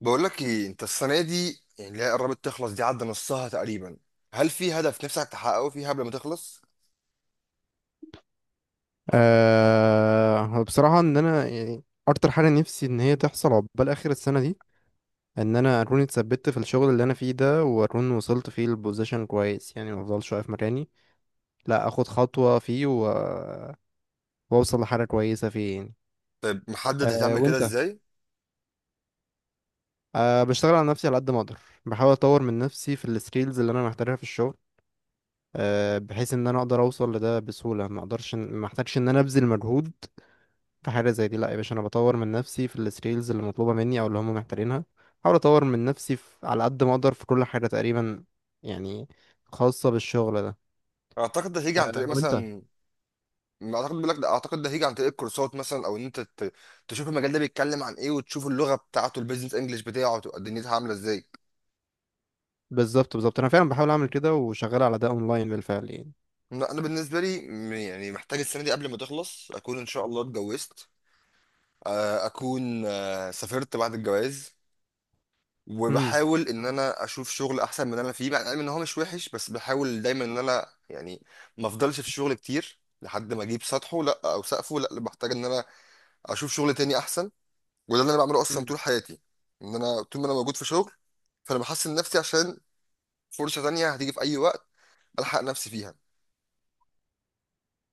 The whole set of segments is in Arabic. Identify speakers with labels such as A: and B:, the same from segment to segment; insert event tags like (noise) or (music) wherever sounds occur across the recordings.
A: بقول لك ايه انت؟ السنه دي يعني اللي هي قربت تخلص، دي عدى نصها تقريبا. هل في هدف نفسك تحققه فيها قبل ما تخلص؟
B: بصراحة إن أنا يعني أكتر حاجة نفسي إن هي تحصل عقبال آخر السنة دي. إن أنا أكون اتثبت في الشغل اللي أنا فيه ده، وأكون وصلت فيه البوزيشن كويس، يعني مفضلش واقف مكاني، لأ، أخد خطوة فيه وأوصل لحاجة كويسة فيه يعني.
A: طيب، محدد
B: أه
A: هتعمل كده
B: وأنت؟
A: ازاي؟
B: بشتغل على نفسي على قد ما أقدر، بحاول أطور من نفسي في السكيلز اللي أنا محتاجها في الشغل، بحيث إن أنا أقدر أوصل لده بسهولة، ما أقدرش، ما أحتاجش إن أنا أبذل مجهود في حاجة زي دي. لا يا باشا، انا بطور من نفسي في السكيلز اللي مطلوبة مني او اللي هم محتاجينها، احاول اطور من نفسي في على قد ما اقدر في كل حاجة تقريبا يعني، خاصة بالشغل ده.
A: اعتقد ده هيجي عن
B: أه
A: طريق
B: وانت؟
A: مثلا، اعتقد بقول لك ده، اعتقد ده هيجي عن طريق الكورسات مثلا، او ان انت تشوف المجال ده بيتكلم عن ايه، وتشوف اللغه بتاعته، البيزنس انجلش بتاعه تبقى دنيتها عامله ازاي.
B: بالظبط بالظبط، انا فعلا بحاول اعمل كده وشغال على ده اونلاين بالفعل يعني.
A: لا، انا بالنسبه لي يعني محتاج السنه دي قبل ما تخلص اكون ان شاء الله اتجوزت، اكون سافرت بعد الجواز،
B: امم.
A: وبحاول ان انا اشوف شغل احسن من اللي انا فيه، مع العلم ان هو مش وحش، بس بحاول دايما ان انا يعني ما افضلش في شغل كتير لحد ما اجيب سطحه لا او سقفه، لا بحتاج ان انا اشوف شغل تاني احسن. وده اللي انا بعمله اصلا
B: أمم،
A: طول حياتي، ان انا طول ما انا موجود في شغل فانا بحسن نفسي، عشان فرصة تانية هتيجي في اي وقت الحق نفسي فيها.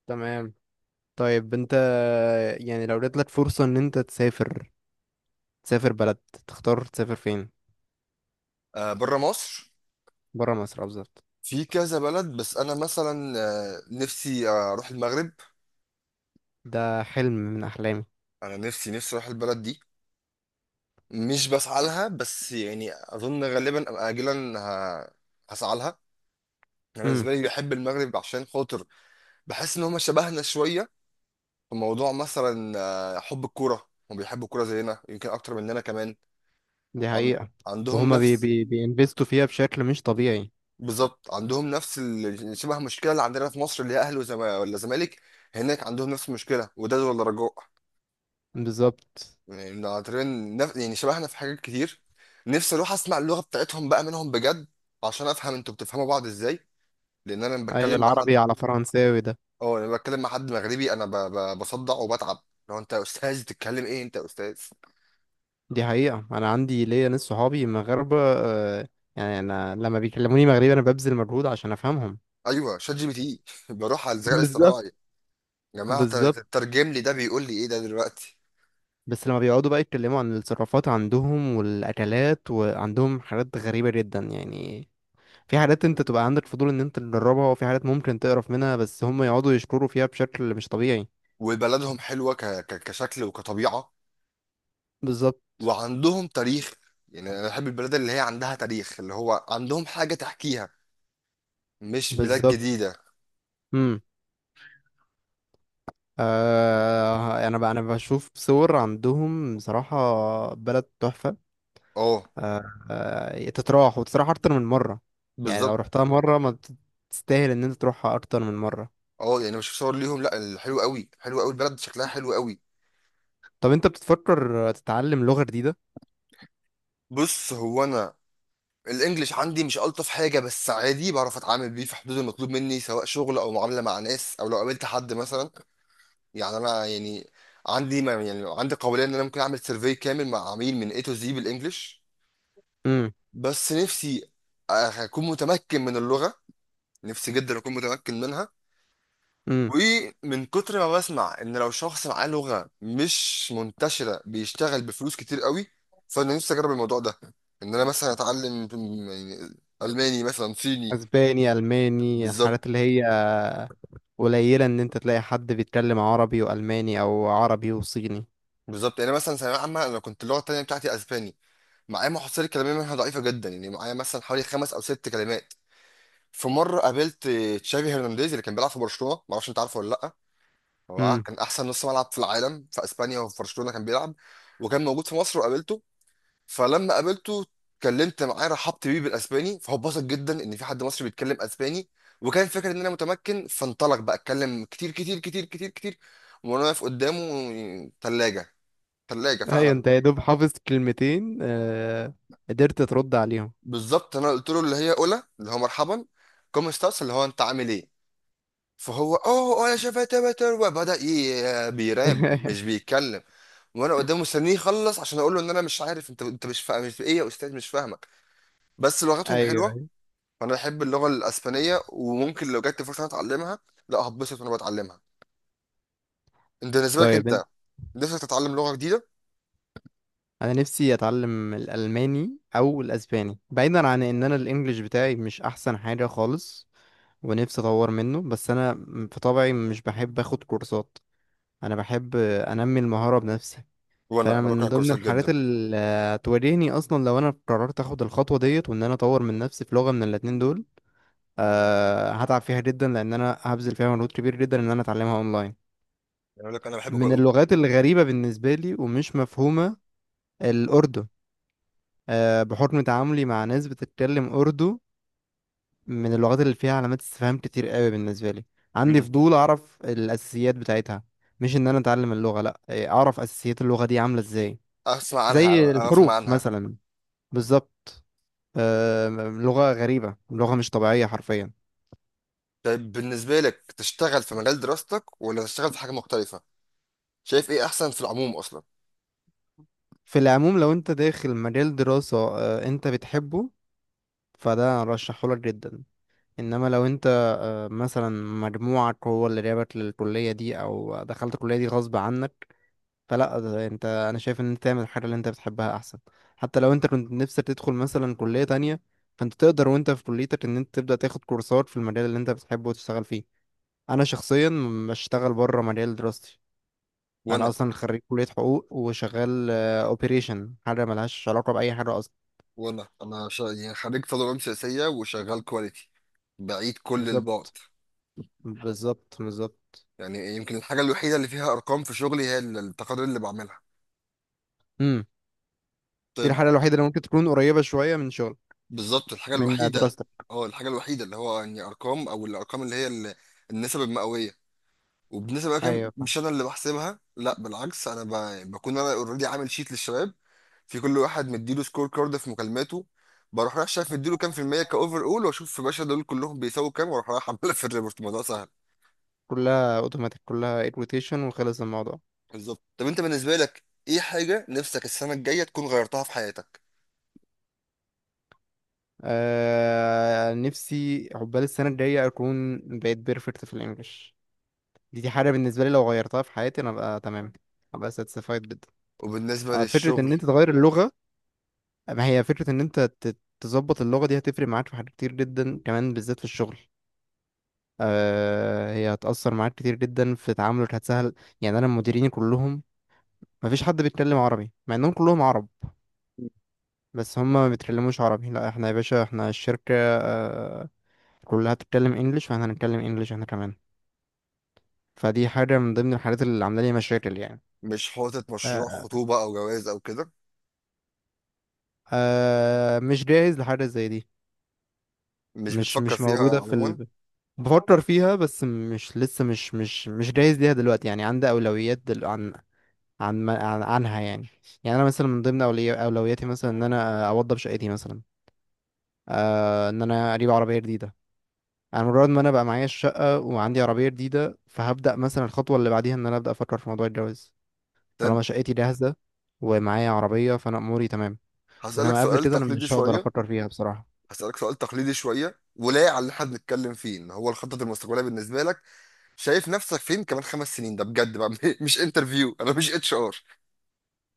B: تمام. طيب انت، يعني لو جاتلك فرصة ان انت تسافر، تسافر بلد، تختار تسافر فين؟
A: آه، بره مصر.
B: برا مصر بالظبط.
A: في كذا بلد، بس انا مثلا نفسي اروح المغرب.
B: ده حلم من احلامي.
A: انا نفسي نفسي اروح البلد دي. مش بسعى لها، بس يعني اظن غالبا اجلا هسعى لها. انا
B: امم.
A: بالنسبه لي بحب المغرب عشان خاطر بحس ان هم شبهنا شويه في موضوع مثلا حب الكوره. هم بيحبوا الكوره زينا، يمكن اكتر مننا كمان.
B: دي
A: عن...
B: حقيقة.
A: عندهم
B: وهما بي
A: نفس،
B: بي بينفستوا فيها بشكل مش طبيعي.
A: بالظبط عندهم نفس شبه المشكله اللي عندنا في مصر، اللي هي اهلي ولا زمالك. هناك عندهم نفس المشكله، وداد ولا رجاء.
B: بالظبط.
A: يعني تقريبا يعني شبهنا في حاجات كتير. نفسي اروح اسمع اللغه بتاعتهم بقى منهم بجد، عشان افهم انتوا بتفهموا بعض ازاي. لان انا لما
B: اي
A: بتكلم مع
B: العربي
A: حد،
B: على فرنساوي ده؟
A: اه لما بتكلم مع حد مغربي انا بصدع وبتعب. لو انت يا استاذ بتتكلم ايه، انت يا استاذ.
B: دي حقيقة، انا عندي ليا ناس صحابي مغاربة آه، يعني انا لما بيكلموني مغربي انا ببذل مجهود عشان افهمهم.
A: ايوه، شات جي بي تي. (laughs) بروح على الذكاء
B: بالظبط.
A: الاصطناعي. يا جماعه،
B: بالظبط،
A: ترجم لي ده بيقول لي ايه ده دلوقتي.
B: بس لما بيقعدوا بقى يتكلموا عن التصرفات عندهم والاكلات، وعندهم حاجات غريبة جدا يعني. في حاجات انت تبقى عندك فضول ان انت تجربها، وفي حاجات ممكن تقرف منها بس هم يقعدوا يشكروا فيها بشكل مش طبيعي.
A: وبلدهم حلوه كشكل وكطبيعه،
B: بالظبط.
A: وعندهم تاريخ. يعني انا بحب البلاد اللي هي عندها تاريخ، اللي هو عندهم حاجه تحكيها، مش بلاد
B: بالظبط.
A: جديده.
B: مم. آه، انا بقى انا بشوف صور عندهم بصراحة، بلد تحفة.
A: اه،
B: آه. آه، تتراح وتتراح اكتر من مرة. يعني لو
A: بالظبط.
B: رحتها مرة ما بت- تستاهل ان انت تروحها اكتر من مرة.
A: اه يعني مش صور ليهم، لا، الحلو قوي حلو قوي، البلد شكلها حلو قوي.
B: طب انت بتفكر تتعلم لغة جديدة؟
A: بص هو انا الانجليش عندي مش الطف حاجه، بس عادي بعرف اتعامل بيه في حدود المطلوب مني، سواء شغل او معامله مع ناس او لو قابلت حد مثلا. يعني انا يعني عندي ما يعني عندي قابليه ان انا ممكن اعمل سيرفي كامل مع عميل من A to Z بالانجليش.
B: امم.
A: بس نفسي اكون متمكن من اللغه، نفسي جدا اكون متمكن منها.
B: امم.
A: ومن كتر ما بسمع ان لو شخص معاه لغه مش منتشره بيشتغل بفلوس كتير قوي، فانا نفسي اجرب الموضوع ده، ان انا مثلا اتعلم يعني الماني مثلا، صيني.
B: اسباني، الماني،
A: بالظبط
B: الحاجات اللي هي قليلة ان انت تلاقي حد بيتكلم عربي والماني او عربي وصيني.
A: بالظبط. يعني مثلا ثانويه عامه انا كنت اللغه التانيه بتاعتي اسباني، معايا محصله كلاميه منها ضعيفه جدا. يعني معايا مثلا حوالي خمس او ست كلمات. في مره قابلت تشافي هرنانديز، اللي كان بيلعب في برشلونه، ما اعرفش انت عارفه ولا لا. هو
B: امم.
A: كان احسن نص ملعب في العالم، في اسبانيا وفي برشلونه كان بيلعب. وكان موجود في مصر وقابلته. فلما قابلته اتكلمت معاه، رحبت بيه بالاسباني، فهو اتبسط جدا ان في حد مصري بيتكلم اسباني، وكان فاكر ان انا متمكن، فانطلق بقى اتكلم كتير كتير كتير كتير كتير، وانا واقف قدامه ثلاجه. ثلاجه
B: ايوه،
A: فعلا.
B: انت يا دوب حافظ كلمتين آه، قدرت ترد عليهم؟
A: بالظبط. انا قلت له اللي هي اولى اللي هو مرحبا، كوم ستاس اللي هو انت عامل ايه. فهو، اوه، انا شفت بتر، وبدا بيراب، مش
B: (laughs)
A: بيتكلم. وانا قدامه مستنيه يخلص عشان اقول له ان انا مش عارف، انت مش فاهم، مش ايه يا استاذ، مش فاهمك. بس لغتهم
B: ايوه.
A: حلوه، فانا بحب اللغه الاسبانيه، وممكن لو جت فرصه إن أنا اتعلمها لا هتبسط وانا بتعلمها. انت بالنسبه لك
B: طيب،
A: انت نفسك تتعلم لغه جديده؟
B: انا نفسي اتعلم الالماني او الاسباني، بعيدا عن ان انا الانجليش بتاعي مش احسن حاجة خالص، ونفسي اطور منه، بس انا في طبعي مش بحب اخد كورسات، انا بحب انمي المهارة بنفسي.
A: وانا
B: فانا
A: انا بكره
B: من ضمن
A: الكورسات
B: الحاجات
A: جدا،
B: اللي هتواجهني اصلا لو انا قررت اخد الخطوة ديت وان انا اطور من نفسي في لغة من الاتنين دول، هتعب فيها جدا لان انا هبذل فيها مجهود كبير جدا ان انا اتعلمها اونلاين.
A: يعني اقول لك انا بحب
B: من اللغات الغريبة بالنسبة لي ومش مفهومة، الأردن، آه، بحكم تعاملي مع ناس بتتكلم أردو، من اللغات اللي فيها علامات استفهام كتير قوي بالنسبة لي. عندي
A: مم.
B: فضول أعرف الأساسيات بتاعتها، مش إن أنا أتعلم اللغة لأ، آه، أعرف أساسيات اللغة دي عاملة إزاي،
A: اسمع عنها او
B: زي
A: افهم
B: الحروف
A: عنها.
B: مثلا. بالظبط. آه، لغة غريبة، لغة مش طبيعية حرفيا.
A: طيب بالنسبة لك تشتغل في مجال دراستك ولا تشتغل في حاجة مختلفة؟ شايف ايه احسن في العموم اصلا؟
B: في العموم لو أنت داخل مجال دراسة آه، أنت بتحبه، فده أرشحهولك جدا. انما لو انت آه، مثلا مجموعك هو اللي جابك للكلية دي، او دخلت الكلية دي غصب عنك، فلا، ده انت، انا شايف ان انت تعمل الحاجه اللي انت بتحبها احسن. حتى لو انت كنت نفسك تدخل مثلا كليه تانية، فانت تقدر وانت في كليتك ان انت تبدا تاخد كورسات في المجال اللي انت بتحبه وتشتغل فيه. انا شخصيا بشتغل بره مجال دراستي، انا
A: وانا
B: اصلا خريج كليه حقوق وشغال اوبريشن، حاجه ملهاش علاقه باي حاجه اصلا.
A: وانا انا يعني خريج تدريب سياسية وشغال كواليتي، بعيد كل البعد.
B: بالظبط. بالظبط بالظبط.
A: يعني يمكن الحاجة الوحيدة اللي فيها ارقام في شغلي هي التقارير اللي بعملها.
B: امم. دي
A: طيب.
B: الحاجه الوحيده اللي ممكن تكون قريبه شويه من شغل،
A: بالظبط، الحاجة
B: من
A: الوحيدة.
B: دراستك.
A: اه، الحاجة الوحيدة اللي هو يعني ارقام، او الارقام اللي هي النسب المئوية. وبالنسبة بقى كام،
B: ايوه فاهم.
A: مش انا اللي بحسبها، لا بالعكس، انا بكون انا اوريدي عامل شيت للشباب، في كل واحد مديله سكور كارد في مكالماته، بروح رايح شايف مديله كام في المية كأوفر أول، وأشوف يا باشا دول كلهم بيساووا كام، وأروح رايح عاملها في الريبورت. الموضوع سهل.
B: كلها اوتوماتيك، كلها ايد روتيشن، وخلص الموضوع.
A: بالظبط. طب أنت بالنسبة لك، إيه حاجة نفسك السنة الجاية تكون غيرتها في حياتك؟
B: آه نفسي عقبال السنة الجاية أكون بقيت بيرفكت في الإنجليش. دي حاجة بالنسبة لي لو غيرتها في حياتي أنا أبقى تمام، أبقى ساتسفايد جدا.
A: وبالنسبة
B: آه فكرة إن
A: للشغل،
B: أنت تغير اللغة، ما هي فكرة إن أنت تظبط اللغة دي هتفرق معاك في حاجات كتير جدا كمان بالذات في الشغل. آه هي هتأثر معاك كتير جدا في تعاملك، هتسهل. يعني أنا مديريني كلهم، مفيش حد بيتكلم عربي مع إنهم كلهم عرب، بس هما ما بيتكلموش عربي، لا احنا يا باشا، احنا الشركة آه كلها بتتكلم انجلش، فاحنا هنتكلم انجلش احنا كمان. فدي حاجة من ضمن الحاجات اللي عاملة لي مشاكل يعني.
A: مش حاطط مشروع
B: آه.
A: خطوبة أو جواز أو كده؟
B: آه مش جاهز لحاجة زي دي.
A: مش
B: مش
A: بتفكر
B: مش
A: فيها
B: موجودة
A: عموما؟
B: بفكر فيها بس مش لسه مش مش مش جاهز ليها دلوقتي يعني، عندي أولويات دل... عن عن ما- عن عنها يعني. يعني أنا مثلا من ضمن أولوياتي مثلا إن أنا أوضب شقتي مثلا، آه إن أنا أجيب عربية جديدة. أنا مجرد ما أنا بقى معايا الشقة وعندي عربية جديدة فهبدأ مثلا الخطوة اللي بعديها إن أنا أبدأ أفكر في موضوع الجواز،
A: طب
B: طالما شقتي جاهزة ومعايا عربية فأنا أموري تمام.
A: هسألك
B: انما قبل
A: سؤال
B: كده انا
A: تقليدي
B: مش هقدر
A: شوية.
B: افكر فيها بصراحه.
A: ولايق على اللي احنا بنتكلم فيه، ان هو الخطط المستقبلية بالنسبة لك، شايف نفسك فين كمان خمس سنين؟ ده بجد بقى، (laughs) مش انترفيو، انا مش اتش ار.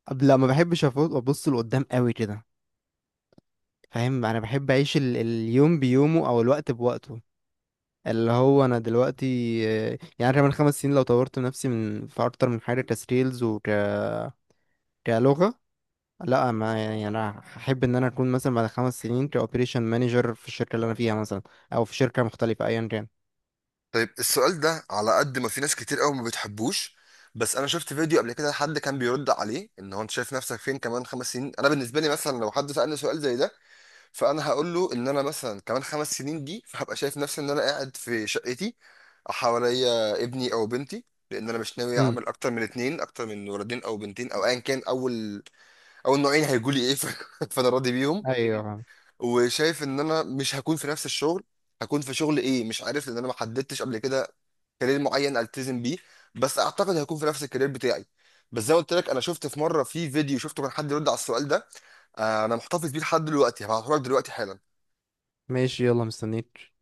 B: قبل لا ما بحبش ابص لقدام قوي كده، فاهم، انا بحب اعيش اليوم بيومه او الوقت بوقته، اللي هو انا دلوقتي. آه، يعني كمان 5 سنين لو طورت نفسي من في اكتر من حاجه كسكيلز وك كلغه، لا ما يعني انا هحب ان انا اكون مثلا بعد 5 سنين كاوبريشن مانجر في الشركه اللي انا فيها مثلا، او في شركه مختلفه ايا كان.
A: طيب السؤال ده، على قد ما في ناس كتير قوي ما بتحبوش، بس انا شفت فيديو قبل كده حد كان بيرد عليه ان هو انت شايف نفسك فين كمان خمس سنين. انا بالنسبه لي مثلا لو حد سالني سؤال زي ده، فانا هقول له ان انا مثلا كمان خمس سنين دي، فهبقى شايف نفسي ان انا قاعد في شقتي، حواليا ابني او بنتي، لان انا مش ناوي
B: امم.
A: اعمل اكتر من اتنين، اكتر من ولدين او بنتين او ايا كان، اول نوعين هيجوا لي ايه. (laughs) فانا راضي بيهم.
B: ايوه.
A: وشايف ان انا مش هكون في نفس الشغل، هكون في شغل ايه مش عارف، لان انا ما حددتش قبل كده كارير معين التزم بيه، بس اعتقد هيكون في نفس الكارير بتاعي. بس زي ما قلت لك، انا شفت في مره في فيديو شفته كان حد يرد على السؤال ده، انا محتفظ بيه لحد دلوقتي، هبعته لك دلوقتي حالا.
B: ماشي يلا مستنيك.